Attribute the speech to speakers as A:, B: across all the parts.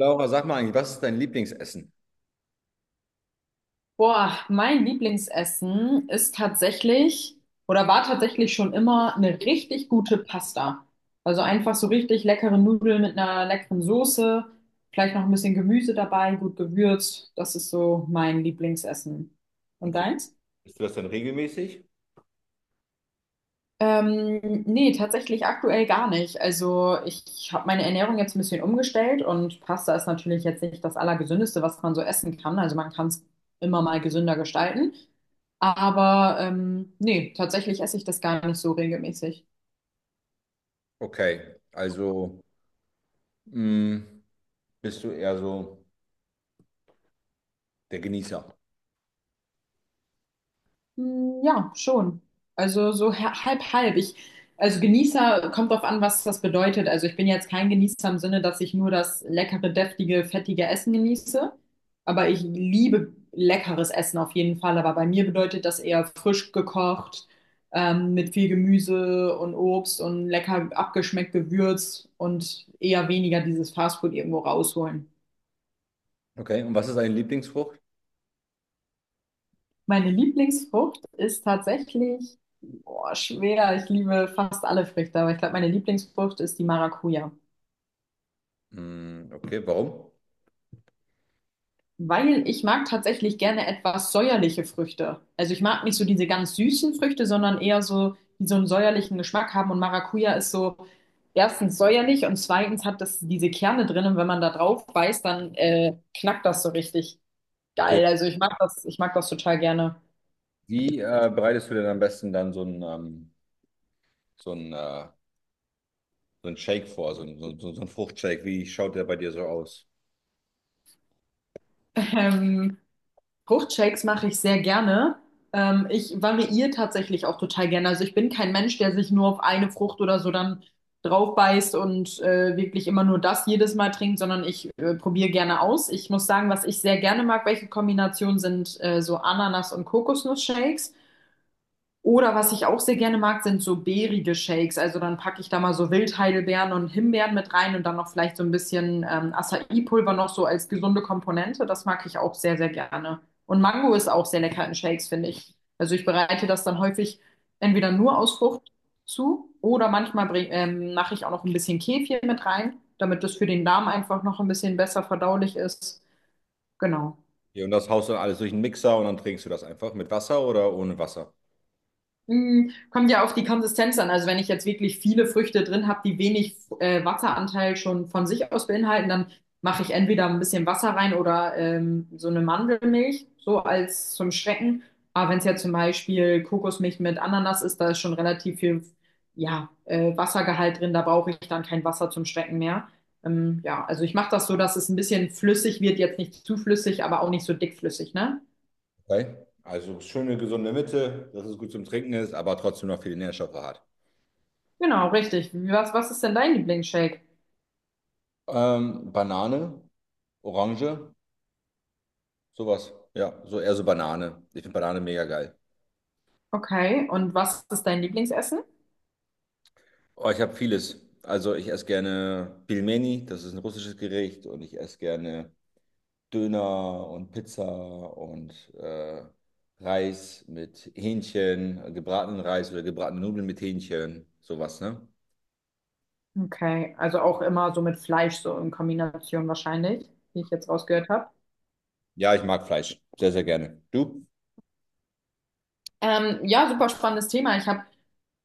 A: Laura, sag mal eigentlich, was ist dein Lieblingsessen?
B: Boah, mein Lieblingsessen ist tatsächlich oder war tatsächlich schon immer eine richtig gute Pasta. Also einfach so richtig leckere Nudeln mit einer leckeren Soße, vielleicht noch ein bisschen Gemüse dabei, gut gewürzt. Das ist so mein Lieblingsessen. Und
A: Okay.
B: deins?
A: Isst du das denn regelmäßig?
B: Nee, tatsächlich aktuell gar nicht. Also ich habe meine Ernährung jetzt ein bisschen umgestellt und Pasta ist natürlich jetzt nicht das Allergesündeste, was man so essen kann. Also man kann es immer mal gesünder gestalten. Aber nee, tatsächlich esse ich das gar nicht so regelmäßig.
A: Okay, also mh, bist du eher so der Genießer.
B: Hm, ja, schon. Also so halb, halb. Also Genießer kommt drauf an, was das bedeutet. Also ich bin jetzt kein Genießer im Sinne, dass ich nur das leckere, deftige, fettige Essen genieße. Aber ich liebe leckeres Essen auf jeden Fall. Aber bei mir bedeutet das eher frisch gekocht, mit viel Gemüse und Obst und lecker abgeschmeckt gewürzt und eher weniger dieses Fastfood irgendwo rausholen.
A: Okay, und was ist deine Lieblingsfrucht?
B: Meine Lieblingsfrucht ist tatsächlich, boah, schwer. Ich liebe fast alle Früchte, aber ich glaube, meine Lieblingsfrucht ist die Maracuja.
A: Mm, okay, warum?
B: Weil ich mag tatsächlich gerne etwas säuerliche Früchte. Also ich mag nicht so diese ganz süßen Früchte, sondern eher so, die so einen säuerlichen Geschmack haben. Und Maracuja ist so erstens säuerlich und zweitens hat das diese Kerne drin. Und wenn man da drauf beißt, dann knackt das so richtig
A: Okay,
B: geil. Also ich mag das total gerne.
A: wie bereitest du denn am besten dann so ein, äh, so ein Shake vor, so ein Fruchtshake? Wie schaut der bei dir so aus?
B: Ähm, Fruchtshakes mache ich sehr gerne. Ich variiere tatsächlich auch total gerne. Also ich bin kein Mensch, der sich nur auf eine Frucht oder so dann drauf beißt und wirklich immer nur das jedes Mal trinkt, sondern ich probiere gerne aus. Ich muss sagen, was ich sehr gerne mag, welche Kombinationen sind, so Ananas- und Kokosnuss-Shakes. Oder was ich auch sehr gerne mag, sind so beerige Shakes. Also dann packe ich da mal so Wildheidelbeeren und Himbeeren mit rein und dann noch vielleicht so ein bisschen Acai-Pulver noch so als gesunde Komponente. Das mag ich auch sehr, sehr gerne. Und Mango ist auch sehr lecker in Shakes, finde ich. Also ich bereite das dann häufig entweder nur aus Frucht zu oder manchmal mache ich auch noch ein bisschen Kefir mit rein, damit das für den Darm einfach noch ein bisschen besser verdaulich ist. Genau.
A: Hier, und das haust du dann alles durch den Mixer und dann trinkst du das einfach mit Wasser oder ohne Wasser?
B: Kommt ja auf die Konsistenz an. Also wenn ich jetzt wirklich viele Früchte drin habe, die wenig Wasseranteil schon von sich aus beinhalten, dann mache ich entweder ein bisschen Wasser rein oder so eine Mandelmilch, so als zum Schrecken. Aber wenn es ja zum Beispiel Kokosmilch mit Ananas ist, da ist schon relativ viel, ja, Wassergehalt drin, da brauche ich dann kein Wasser zum Schrecken mehr. Ja, also ich mache das so, dass es ein bisschen flüssig wird, jetzt nicht zu flüssig, aber auch nicht so dickflüssig, ne?
A: Okay, also schöne gesunde Mitte, dass es gut zum Trinken ist, aber trotzdem noch viele Nährstoffe hat.
B: Genau, richtig. Was ist denn dein Lieblingsshake?
A: Banane, Orange, sowas. Ja, so eher so Banane. Ich finde Banane mega geil.
B: Okay, und was ist dein Lieblingsessen?
A: Oh, ich habe vieles. Also ich esse gerne Pilmeni, das ist ein russisches Gericht, und ich esse gerne Döner und Pizza und Reis mit Hähnchen, gebratenen Reis oder gebratene Nudeln mit Hähnchen, sowas, ne?
B: Okay, also auch immer so mit Fleisch, so in Kombination wahrscheinlich, wie ich jetzt rausgehört habe.
A: Ja, ich mag Fleisch, sehr, sehr gerne. Du?
B: Ja, super spannendes Thema. Ich habe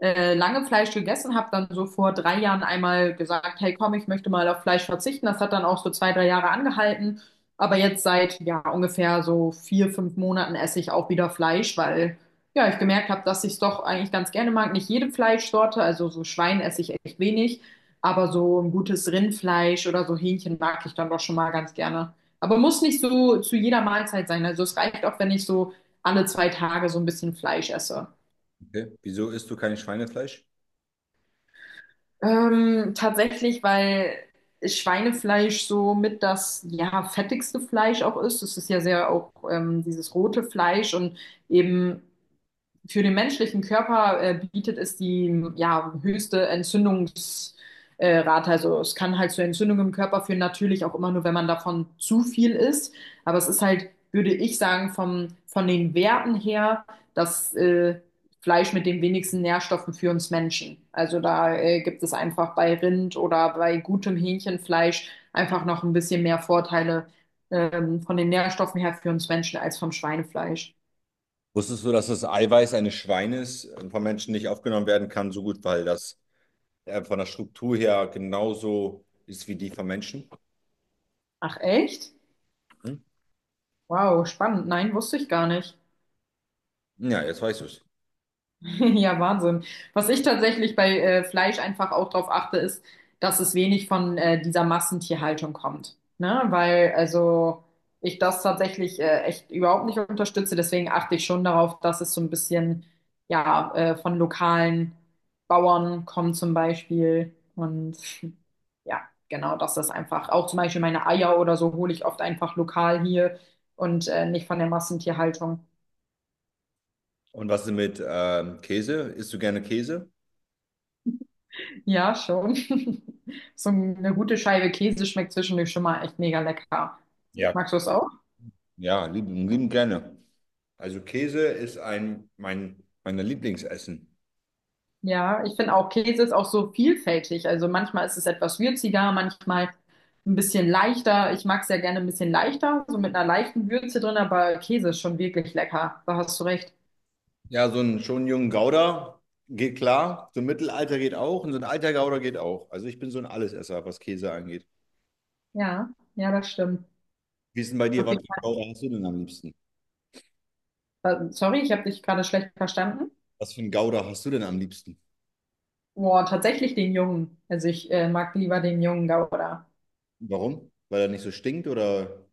B: lange Fleisch gegessen, habe dann so vor 3 Jahren einmal gesagt, hey komm, ich möchte mal auf Fleisch verzichten. Das hat dann auch so 2, 3 Jahre angehalten. Aber jetzt seit ja ungefähr so 4, 5 Monaten esse ich auch wieder Fleisch, weil ja ich gemerkt habe, dass ich es doch eigentlich ganz gerne mag. Nicht jede Fleischsorte, also so Schwein esse ich echt wenig, aber so ein gutes Rindfleisch oder so Hähnchen mag ich dann doch schon mal ganz gerne. Aber muss nicht so zu jeder Mahlzeit sein. Also es reicht auch, wenn ich so alle 2 Tage so ein bisschen Fleisch esse.
A: Okay. Wieso isst du kein Schweinefleisch?
B: Tatsächlich, weil Schweinefleisch so mit das ja fettigste Fleisch auch ist. Es ist ja sehr auch dieses rote Fleisch und eben für den menschlichen Körper bietet es die, ja, höchste Entzündungsrate. Rate. Also es kann halt zu Entzündungen im Körper führen, natürlich auch immer nur, wenn man davon zu viel isst. Aber es ist halt, würde ich sagen, von den Werten her, das Fleisch mit den wenigsten Nährstoffen für uns Menschen. Also da gibt es einfach bei Rind oder bei gutem Hähnchenfleisch einfach noch ein bisschen mehr Vorteile, von den Nährstoffen her für uns Menschen als vom Schweinefleisch.
A: Wusstest du, dass das Eiweiß eines Schweines von Menschen nicht aufgenommen werden kann, so gut, weil das von der Struktur her genauso ist wie die von Menschen?
B: Ach, echt?
A: Hm?
B: Wow, spannend. Nein, wusste ich gar nicht.
A: Ja, jetzt weißt du es.
B: Ja, Wahnsinn. Was ich tatsächlich bei Fleisch einfach auch drauf achte, ist, dass es wenig von dieser Massentierhaltung kommt. Ne? Weil, also ich das tatsächlich echt überhaupt nicht unterstütze. Deswegen achte ich schon darauf, dass es so ein bisschen ja, von lokalen Bauern kommt zum Beispiel. Und ja, genau, dass das einfach auch zum Beispiel meine Eier oder so hole ich oft einfach lokal hier und nicht von der Massentierhaltung.
A: Und was ist mit Käse? Isst du gerne Käse?
B: Ja, schon. So eine gute Scheibe Käse schmeckt zwischendurch schon mal echt mega lecker.
A: Ja.
B: Magst du es auch?
A: Ja, lieben, lieben gerne. Also Käse ist ein mein meiner Lieblingsessen.
B: Ja, ich finde auch, Käse ist auch so vielfältig. Also manchmal ist es etwas würziger, manchmal ein bisschen leichter. Ich mag es ja gerne ein bisschen leichter, so mit einer leichten Würze drin, aber Käse ist schon wirklich lecker. Da hast du recht.
A: Ja, so ein schon jungen Gouda geht klar, so ein Mittelalter geht auch und so ein alter Gouda geht auch. Also ich bin so ein Allesesser, was Käse angeht.
B: Ja, ja, das stimmt.
A: Wie ist denn bei dir,
B: Auf
A: was für
B: jeden
A: ein Gouda hast du denn am liebsten?
B: Fall. Sorry, ich habe dich gerade schlecht verstanden.
A: Was für ein Gouda hast du denn am liebsten?
B: Boah, tatsächlich den Jungen. Also ich mag lieber den Jungen Gouda.
A: Warum? Weil er nicht so stinkt oder?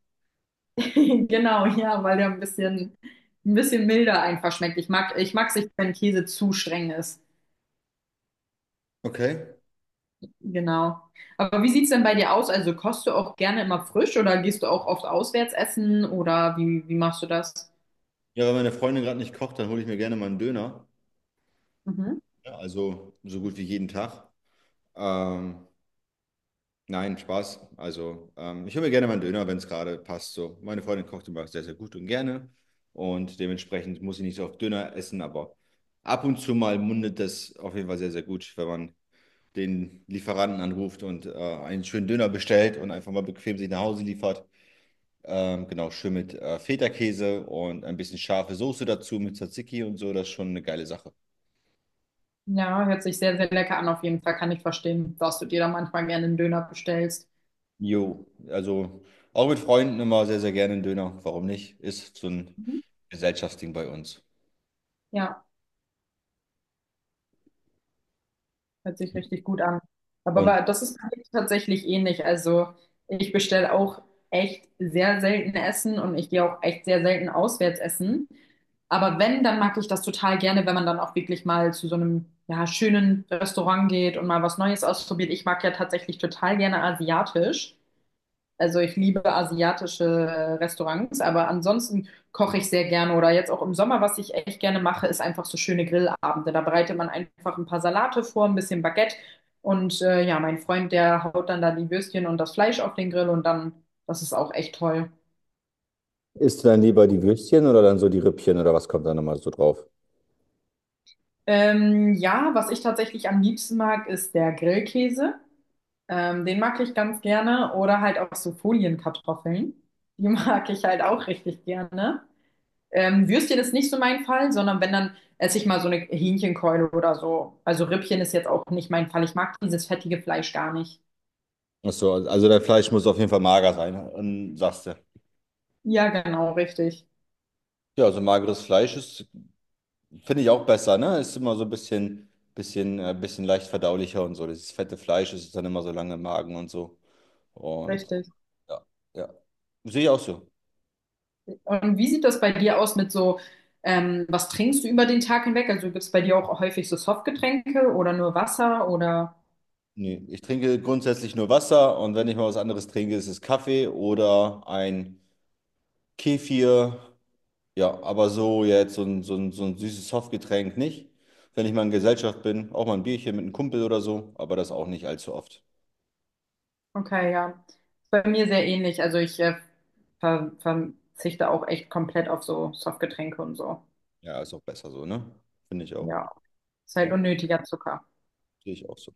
B: Genau, ja, weil der ein bisschen milder einfach schmeckt. Ich mag's nicht, wenn Käse zu streng ist.
A: Okay.
B: Genau. Aber wie sieht's denn bei dir aus? Also kochst du auch gerne immer frisch oder gehst du auch oft auswärts essen oder wie machst du das?
A: Ja, wenn meine Freundin gerade nicht kocht, dann hole ich mir gerne mal einen Döner.
B: Mhm.
A: Ja, also so gut wie jeden Tag. Ähm, Nein, Spaß. Also, ich hole mir gerne mal einen Döner, wenn es gerade passt. So, meine Freundin kocht immer sehr, sehr gut und gerne. Und dementsprechend muss ich nicht so oft Döner essen, aber ab und zu mal mundet das auf jeden Fall sehr, sehr gut, wenn man den Lieferanten anruft und einen schönen Döner bestellt und einfach mal bequem sich nach Hause liefert. Genau, schön mit Feta-Käse und ein bisschen scharfe Soße dazu mit Tzatziki und so. Das ist schon eine geile Sache.
B: Ja, hört sich sehr, sehr lecker an. Auf jeden Fall kann ich verstehen, dass du dir da manchmal gerne einen Döner bestellst.
A: Jo, also auch mit Freunden immer sehr, sehr gerne einen Döner. Warum nicht? Ist so ein
B: Mhm.
A: Gesellschaftsding bei uns.
B: Ja. Hört sich richtig gut an. Aber,
A: Und
B: das ist bei mir tatsächlich ähnlich. Also ich bestelle auch echt sehr selten Essen und ich gehe auch echt sehr selten auswärts essen. Aber wenn, dann mag ich das total gerne, wenn man dann auch wirklich mal zu so einem, ja, schönen Restaurant geht und mal was Neues ausprobiert. Ich mag ja tatsächlich total gerne asiatisch. Also ich liebe asiatische Restaurants, aber ansonsten koche ich sehr gerne oder jetzt auch im Sommer, was ich echt gerne mache, ist einfach so schöne Grillabende. Da bereitet man einfach ein paar Salate vor, ein bisschen Baguette und ja, mein Freund, der haut dann da die Würstchen und das Fleisch auf den Grill, und dann, das ist auch echt toll.
A: isst du dann lieber die Würstchen oder dann so die Rippchen oder was kommt dann nochmal so drauf?
B: Ja, was ich tatsächlich am liebsten mag, ist der Grillkäse. Den mag ich ganz gerne oder halt auch so Folienkartoffeln. Die mag ich halt auch richtig gerne. Würstchen ist nicht so mein Fall, sondern wenn, dann esse ich mal so eine Hähnchenkeule oder so. Also Rippchen ist jetzt auch nicht mein Fall. Ich mag dieses fettige Fleisch gar nicht.
A: Ach so, also dein Fleisch muss auf jeden Fall mager sein, sagst du.
B: Ja, genau, richtig.
A: Ja, also mageres Fleisch ist, finde ich auch besser, ne? Ist immer so ein bisschen, bisschen leicht verdaulicher und so. Das fette Fleisch ist dann immer so lange im Magen und so. Und
B: Richtig.
A: ja, ja. Sehe ich auch so.
B: Und wie sieht das bei dir aus mit so, was trinkst du über den Tag hinweg? Also gibt es bei dir auch häufig so Softgetränke oder nur Wasser oder?
A: Nee, ich trinke grundsätzlich nur Wasser und wenn ich mal was anderes trinke, ist es Kaffee oder ein Kefir. Ja, aber so jetzt so ein süßes Softgetränk nicht. Wenn ich mal in Gesellschaft bin, auch mal ein Bierchen mit einem Kumpel oder so, aber das auch nicht allzu oft.
B: Okay, ja. Bei mir sehr ähnlich. Also ich verzichte auch echt komplett auf so Softgetränke und so.
A: Ja, ist auch besser so, ne? Finde ich auch.
B: Ja, ist halt
A: Ja,
B: unnötiger Zucker.
A: sehe ich auch so.